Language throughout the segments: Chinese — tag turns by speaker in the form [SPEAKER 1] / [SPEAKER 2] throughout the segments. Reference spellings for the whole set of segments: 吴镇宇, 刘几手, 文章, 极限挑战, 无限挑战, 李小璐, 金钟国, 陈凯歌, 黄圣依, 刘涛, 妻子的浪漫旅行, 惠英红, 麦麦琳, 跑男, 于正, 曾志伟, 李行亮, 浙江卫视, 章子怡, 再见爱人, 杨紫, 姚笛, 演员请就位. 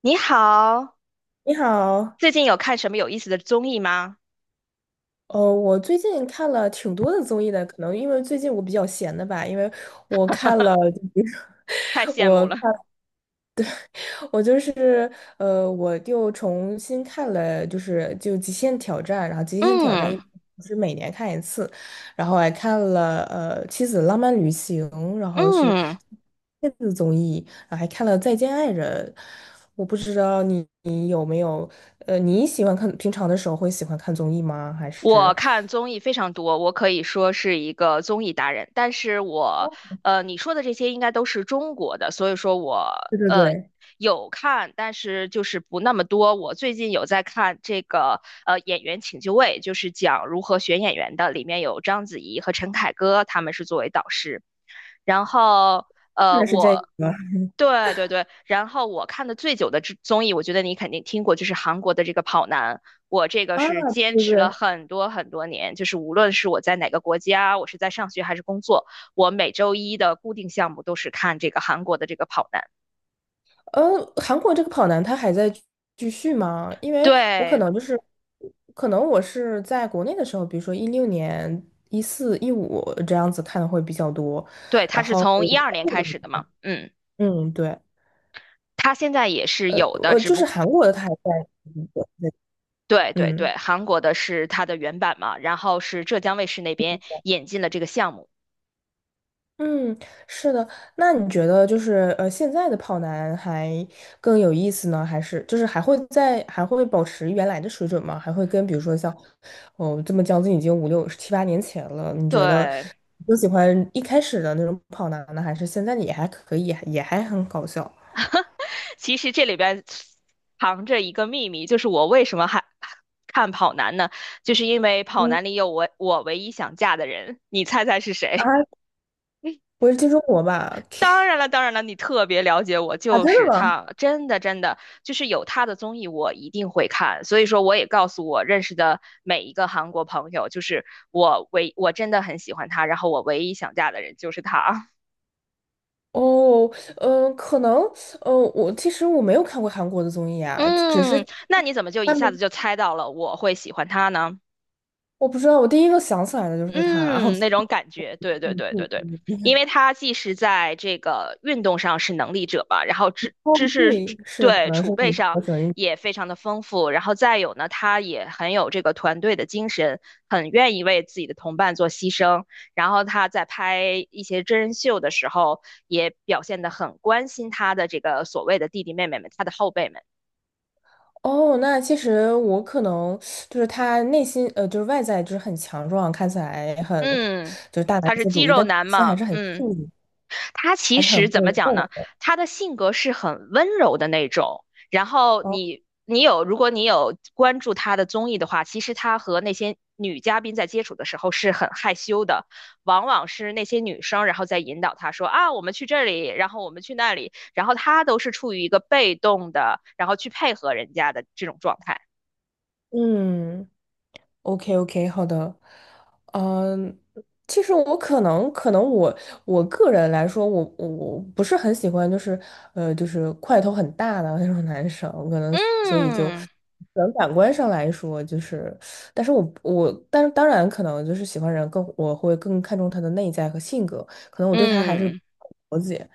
[SPEAKER 1] 你好，
[SPEAKER 2] 你好，
[SPEAKER 1] 最近有看什么有意思的综艺吗？
[SPEAKER 2] 我最近看了挺多的综艺的，可能因为最近我比较闲的吧，因为我看了，
[SPEAKER 1] 太 羡慕
[SPEAKER 2] 我
[SPEAKER 1] 了。
[SPEAKER 2] 看我就是我又重新看了，就是《极限挑战》。然后《极限挑战》
[SPEAKER 1] 嗯
[SPEAKER 2] 一是每年看一次，然后还看了《妻子的浪漫旅行》，然后是
[SPEAKER 1] 嗯，
[SPEAKER 2] 电子综艺，然后还看了《再见爱人》。我不知道你你有没有呃，你喜欢看平常的时候会喜欢看综艺吗？还
[SPEAKER 1] 我
[SPEAKER 2] 是。
[SPEAKER 1] 看综艺非常多，我可以说是一个综艺达人。但是我
[SPEAKER 2] 哦，
[SPEAKER 1] 你说的这些应该都是中国的，所以说我
[SPEAKER 2] 对对
[SPEAKER 1] 呃
[SPEAKER 2] 对，
[SPEAKER 1] 有看，但是就是不那么多。我最近有在看这个《演员请就位》，就是讲如何选演员的，里面有章子怡和陈凯歌，他们是作为导师。然后
[SPEAKER 2] 看的是这个。
[SPEAKER 1] 我对对对，然后我看的最久的之综艺，我觉得你肯定听过，就是韩国的这个《跑男》，我这个
[SPEAKER 2] 啊，
[SPEAKER 1] 是坚
[SPEAKER 2] 对对
[SPEAKER 1] 持了
[SPEAKER 2] 对。
[SPEAKER 1] 很多很多年，就是无论是我在哪个国家，我是在上学还是工作，我每周一的固定项目都是看这个韩国的这个《跑男》。
[SPEAKER 2] 呃，韩国这个跑男他还在继续吗？因为我可
[SPEAKER 1] 对
[SPEAKER 2] 能就是，可能我是在国内的时候，比如说16年、14、15这样子看的会比较多。
[SPEAKER 1] 对，它
[SPEAKER 2] 然
[SPEAKER 1] 是
[SPEAKER 2] 后
[SPEAKER 1] 从12年开始的嘛，嗯，
[SPEAKER 2] 嗯，对，
[SPEAKER 1] 它现在也是
[SPEAKER 2] 呃
[SPEAKER 1] 有的，只
[SPEAKER 2] 就是
[SPEAKER 1] 不
[SPEAKER 2] 韩国的他还在。
[SPEAKER 1] 对对
[SPEAKER 2] 嗯。
[SPEAKER 1] 对，韩国的是它的原版嘛，然后是浙江卫视那边引进了这个项目。
[SPEAKER 2] 嗯，是的。那你觉得就是现在的跑男还更有意思呢，还是就是还会保持原来的水准吗？还会跟比如说像哦这么将近已经五六七八年前了，你觉得
[SPEAKER 1] 对，
[SPEAKER 2] 更喜欢一开始的那种跑男呢，还是现在的也还可以，也还很搞笑？
[SPEAKER 1] 其实这里边藏着一个秘密，就是我为什么还看跑男呢？就是因为跑
[SPEAKER 2] 嗯。
[SPEAKER 1] 男里有我唯一想嫁的人，你猜猜是
[SPEAKER 2] 啊，
[SPEAKER 1] 谁？
[SPEAKER 2] 不是金钟国吧？
[SPEAKER 1] 当然了，当然了，你特别了解我，
[SPEAKER 2] 啊，
[SPEAKER 1] 就
[SPEAKER 2] 真的
[SPEAKER 1] 是
[SPEAKER 2] 吗？
[SPEAKER 1] 他，真的真的，就是有他的综艺我一定会看，所以说我也告诉我认识的每一个韩国朋友，就是我真的很喜欢他，然后我唯一想嫁的人就是他。
[SPEAKER 2] 哦。嗯、可能，我其实没有看过韩国的综艺 啊，只
[SPEAKER 1] 嗯，
[SPEAKER 2] 是。
[SPEAKER 1] 那你怎么就一下子就猜到了我会喜欢他呢？
[SPEAKER 2] 我不知道，我第一个想起来的就是他啊，然后
[SPEAKER 1] 嗯，那种感觉，对对
[SPEAKER 2] 嗯
[SPEAKER 1] 对对
[SPEAKER 2] 嗯。
[SPEAKER 1] 对，因为他既是在这个运动上是能力者吧，然后
[SPEAKER 2] 哦，
[SPEAKER 1] 知识
[SPEAKER 2] 对，是可
[SPEAKER 1] 对
[SPEAKER 2] 能
[SPEAKER 1] 储
[SPEAKER 2] 是
[SPEAKER 1] 备
[SPEAKER 2] 你
[SPEAKER 1] 上
[SPEAKER 2] 我喜欢运动。
[SPEAKER 1] 也非常的丰富，然后再有呢，他也很有这个团队的精神，很愿意为自己的同伴做牺牲，然后他在拍一些真人秀的时候，也表现得很关心他的这个所谓的弟弟妹妹们，他的后辈们，
[SPEAKER 2] 哦。那其实我可能就是他内心，就是外在就是很强壮，看起来很
[SPEAKER 1] 嗯，
[SPEAKER 2] 就是大男
[SPEAKER 1] 他是
[SPEAKER 2] 子
[SPEAKER 1] 肌
[SPEAKER 2] 主义，
[SPEAKER 1] 肉
[SPEAKER 2] 但是内
[SPEAKER 1] 男
[SPEAKER 2] 心还
[SPEAKER 1] 嘛，
[SPEAKER 2] 是很细
[SPEAKER 1] 嗯。
[SPEAKER 2] 腻，
[SPEAKER 1] 他
[SPEAKER 2] 还
[SPEAKER 1] 其
[SPEAKER 2] 是很
[SPEAKER 1] 实怎
[SPEAKER 2] 会
[SPEAKER 1] 么讲呢？
[SPEAKER 2] 做的。
[SPEAKER 1] 他的性格是很温柔的那种。然后
[SPEAKER 2] 哦。
[SPEAKER 1] 你你有，如果你有关注他的综艺的话，其实他和那些女嘉宾在接触的时候是很害羞的，往往是那些女生然后在引导他说啊，我们去这里，然后我们去那里，然后他都是处于一个被动的，然后去配合人家的这种状态。
[SPEAKER 2] 嗯。OK OK，好的。嗯，其实我可能我个人来说，我不是很喜欢，就是就是块头很大的那种男生，可能所以就可
[SPEAKER 1] 嗯
[SPEAKER 2] 能感官上来说，就是，但是我但是当然可能就是喜欢人更我会更看重他的内在和性格，可能我对他还是不
[SPEAKER 1] 嗯。
[SPEAKER 2] 了解。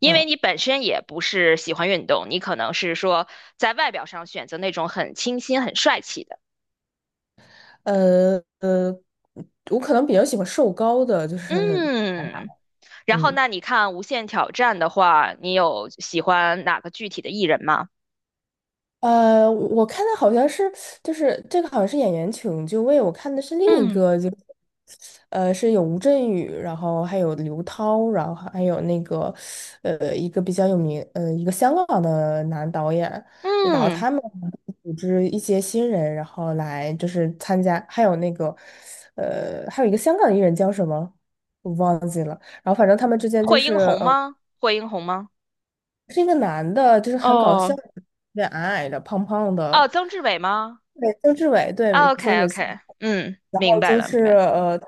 [SPEAKER 1] 因为
[SPEAKER 2] 嗯。
[SPEAKER 1] 你本身也不是喜欢运动，你可能是说在外表上选择那种很清新、很帅气的。
[SPEAKER 2] 呃呃，我可能比较喜欢瘦高的，就是。
[SPEAKER 1] 嗯，然后
[SPEAKER 2] 嗯。
[SPEAKER 1] 那你看《无限挑战》的话，你有喜欢哪个具体的艺人吗？
[SPEAKER 2] 我看的好像是，就是这个好像是演员请就位，我看的是另一
[SPEAKER 1] 嗯
[SPEAKER 2] 个，就是有吴镇宇，然后还有刘涛，然后还有那个一个比较有名一个香港的男导演，然后
[SPEAKER 1] 嗯，
[SPEAKER 2] 他们组织一些新人，然后来就是参加，还有那个还有一个香港艺人叫什么？然后反正他们之间就
[SPEAKER 1] 惠
[SPEAKER 2] 是
[SPEAKER 1] 英红
[SPEAKER 2] 呃。
[SPEAKER 1] 吗？惠英红吗？
[SPEAKER 2] 是一个男的，就是很搞
[SPEAKER 1] 哦
[SPEAKER 2] 笑，有点矮矮的、胖胖的。
[SPEAKER 1] 哦，曾志伟吗
[SPEAKER 2] 对，曾志伟，对，你说的
[SPEAKER 1] ？OK
[SPEAKER 2] 没错。
[SPEAKER 1] OK，嗯，
[SPEAKER 2] 然
[SPEAKER 1] 明
[SPEAKER 2] 后
[SPEAKER 1] 白
[SPEAKER 2] 就
[SPEAKER 1] 了明
[SPEAKER 2] 是
[SPEAKER 1] 白了，
[SPEAKER 2] 他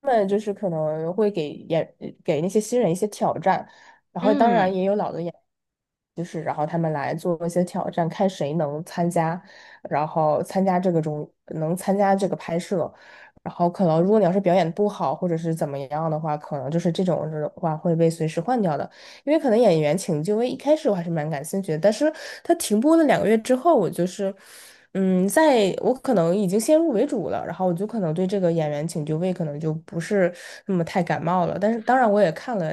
[SPEAKER 2] 们就是可能会给演那些新人一些挑战，然后当然
[SPEAKER 1] 嗯。
[SPEAKER 2] 也有老的演，就是然后他们来做一些挑战，看谁能参加，然后参加这个中能参加这个拍摄，然后可能如果你要是表演不好或者是怎么样的话，可能就是这种的话会被随时换掉的。因为可能演员请就位一开始我还是蛮感兴趣的，但是它停播了2个月之后，我就是，嗯，在我可能已经先入为主了，然后我就可能对这个演员请就位可能就不是那么太感冒了，但是当然我也看了，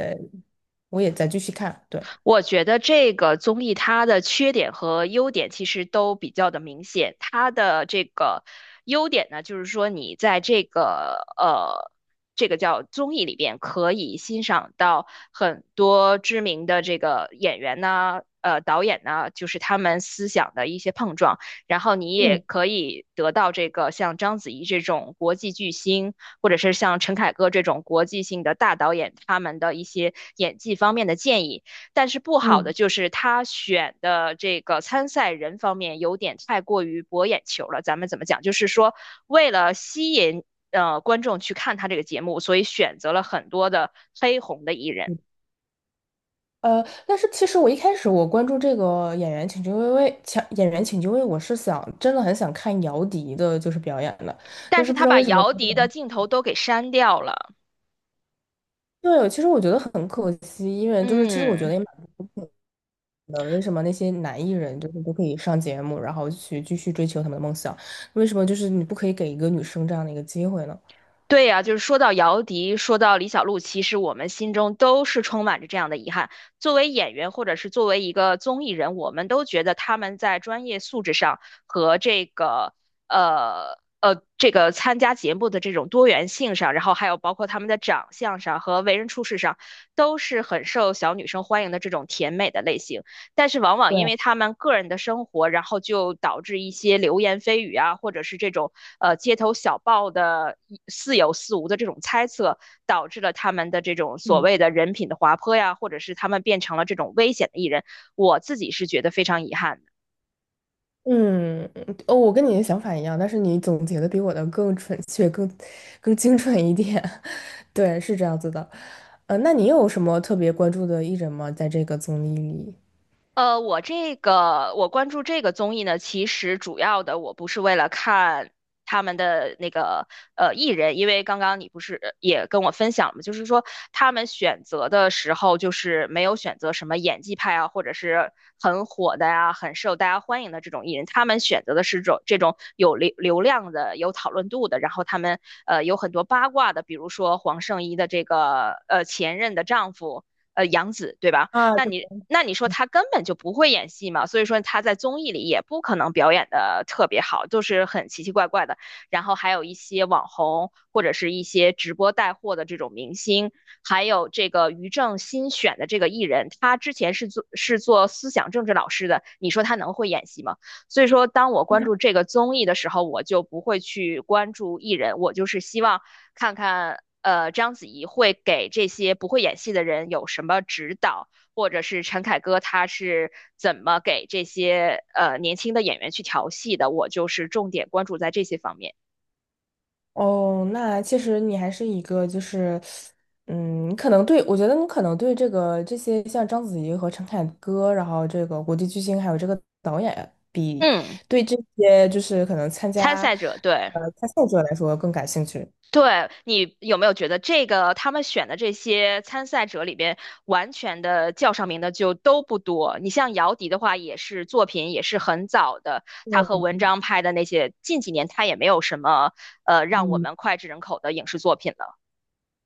[SPEAKER 2] 我也在继续看。对。
[SPEAKER 1] 我觉得这个综艺它的缺点和优点其实都比较的明显。它的这个优点呢，就是说你在这个这个叫综艺里边可以欣赏到很多知名的这个演员呢。呃，导演呢，就是他们思想的一些碰撞，然后你也
[SPEAKER 2] 嗯
[SPEAKER 1] 可以得到这个像章子怡这种国际巨星，或者是像陈凯歌这种国际性的大导演，他们的一些演技方面的建议。但是不好的
[SPEAKER 2] 嗯。
[SPEAKER 1] 就是他选的这个参赛人方面有点太过于博眼球了。咱们怎么讲？就是说，为了吸引观众去看他这个节目，所以选择了很多的黑红的艺人，
[SPEAKER 2] 但是其实我一开始我关注这个演员请就位，请演员请就位，我是想真的很想看姚笛的，就是表演的，
[SPEAKER 1] 但
[SPEAKER 2] 但
[SPEAKER 1] 是
[SPEAKER 2] 是不知
[SPEAKER 1] 他
[SPEAKER 2] 道
[SPEAKER 1] 把
[SPEAKER 2] 为什么。
[SPEAKER 1] 姚笛的镜头都给删掉了。
[SPEAKER 2] 对，其实我觉得很可惜，因为就是其实我觉
[SPEAKER 1] 嗯。
[SPEAKER 2] 得也蛮。的，为什么那些男艺人就是都可以上节目，然后去继续追求他们的梦想？为什么就是你不可以给一个女生这样的一个机会呢？
[SPEAKER 1] 对呀，就是说到姚笛，说到李小璐，其实我们心中都是充满着这样的遗憾。作为演员，或者是作为一个综艺人，我们都觉得他们在专业素质上和这个这个参加节目的这种多元性上，然后还有包括他们的长相上和为人处事上，都是很受小女生欢迎的这种甜美的类型。但是往往因
[SPEAKER 2] 对。
[SPEAKER 1] 为他们个人的生活，然后就导致一些流言蜚语啊，或者是这种街头小报的似有似无的这种猜测，导致了他们的这种所
[SPEAKER 2] 嗯
[SPEAKER 1] 谓的人品的滑坡呀，或者是他们变成了这种危险的艺人。我自己是觉得非常遗憾的。
[SPEAKER 2] 嗯。哦，我跟你的想法一样，但是你总结的比我的更准确、更精准一点。对，是这样子的。那你有什么特别关注的艺人吗？在这个综艺里？
[SPEAKER 1] 呃，我这个我关注这个综艺呢，其实主要的我不是为了看他们的那个艺人，因为刚刚你不是也跟我分享了嘛，就是说他们选择的时候，就是没有选择什么演技派啊，或者是很火的呀、很受大家欢迎的这种艺人，他们选择的是种这种有流量的、有讨论度的，然后他们有很多八卦的，比如说黄圣依的这个前任的丈夫。呃，杨紫对吧？那你说他根本就不会演戏嘛，所以说他在综艺里也不可能表演的特别好，就是很奇奇怪怪的。然后还有一些网红或者是一些直播带货的这种明星，还有这个于正新选的这个艺人，他之前是做思想政治老师的，你说他能会演戏吗？所以说，当我关注这个综艺的时候，我就不会去关注艺人，我就是希望看看。呃，章子怡会给这些不会演戏的人有什么指导？或者是陈凯歌他是怎么给这些年轻的演员去调戏的，我就是重点关注在这些方面。
[SPEAKER 2] 哦，那其实你还是一个就是。嗯，你可能对，我觉得你可能对这个这些像章子怡和陈凯歌，然后这个国际巨星，还有这个导演，比
[SPEAKER 1] 嗯，
[SPEAKER 2] 对这些就是可能
[SPEAKER 1] 参赛者，对。
[SPEAKER 2] 参赛者来说更感兴趣。
[SPEAKER 1] 对，你有没有觉得这个他们选的这些参赛者里边，完全的叫上名的就都不多？你像姚笛的话，也是作品也是很早的，他和
[SPEAKER 2] 对。
[SPEAKER 1] 文章拍的那些，近几年他也没有什么让我
[SPEAKER 2] 嗯
[SPEAKER 1] 们脍炙人口的影视作品了。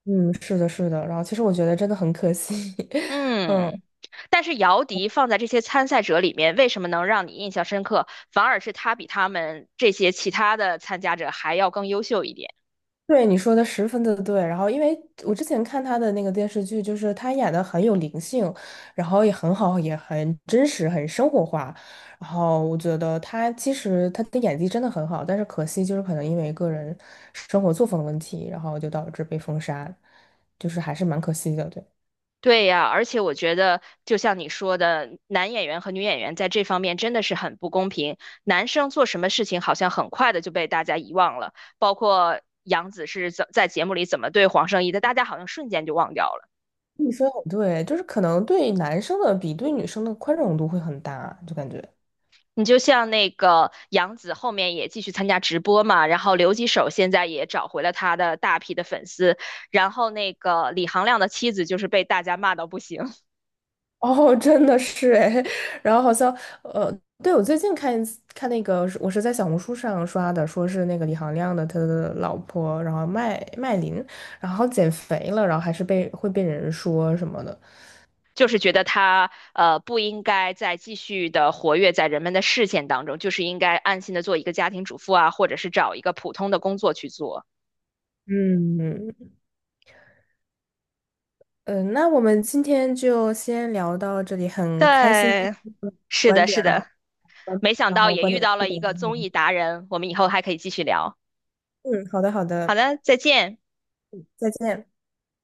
[SPEAKER 2] 嗯，是的，是的。然后其实我觉得真的很可惜。
[SPEAKER 1] 嗯。
[SPEAKER 2] 嗯。
[SPEAKER 1] 但是姚笛放在这些参赛者里面，为什么能让你印象深刻？反而是他比他们这些其他的参加者还要更优秀一点。
[SPEAKER 2] 对，你说的十分的对。然后，因为我之前看他的那个电视剧，就是他演的很有灵性，然后也很好，也很真实，很生活化。然后我觉得他其实他的演技真的很好，但是可惜就是可能因为个人生活作风的问题，然后就导致被封杀，就是还是蛮可惜的。对，
[SPEAKER 1] 对呀，而且我觉得，就像你说的，男演员和女演员在这方面真的是很不公平。男生做什么事情好像很快的就被大家遗忘了，包括杨紫是怎在节目里怎么对黄圣依的，大家好像瞬间就忘掉了。
[SPEAKER 2] 你说的很对，就是可能对男生的比对女生的宽容度会很大，就感觉。
[SPEAKER 1] 你就像那个杨紫后面也继续参加直播嘛，然后刘几手现在也找回了他的大批的粉丝，然后那个李行亮的妻子就是被大家骂到不行，
[SPEAKER 2] 哦，真的是哎。然后好像呃，对我最近看一次看那个，我是在小红书上刷的，说是那个李行亮的他的老婆，然后麦麦琳，然后减肥了，然后还是被会被人说什么的。
[SPEAKER 1] 就是觉得他不应该再继续的活跃在人们的视线当中，就是应该安心的做一个家庭主妇啊，或者是找一个普通的工作去做。
[SPEAKER 2] 嗯嗯。那我们今天就先聊到这里，很开心
[SPEAKER 1] 对，是
[SPEAKER 2] 观
[SPEAKER 1] 的，是
[SPEAKER 2] 点，然后
[SPEAKER 1] 的，没想
[SPEAKER 2] 然
[SPEAKER 1] 到
[SPEAKER 2] 后
[SPEAKER 1] 也
[SPEAKER 2] 观
[SPEAKER 1] 遇
[SPEAKER 2] 点
[SPEAKER 1] 到
[SPEAKER 2] 互
[SPEAKER 1] 了一个综
[SPEAKER 2] 动。
[SPEAKER 1] 艺达人，我们以后还可以继续聊。
[SPEAKER 2] 嗯，好的好
[SPEAKER 1] 好
[SPEAKER 2] 的，
[SPEAKER 1] 的，再见。
[SPEAKER 2] 再见。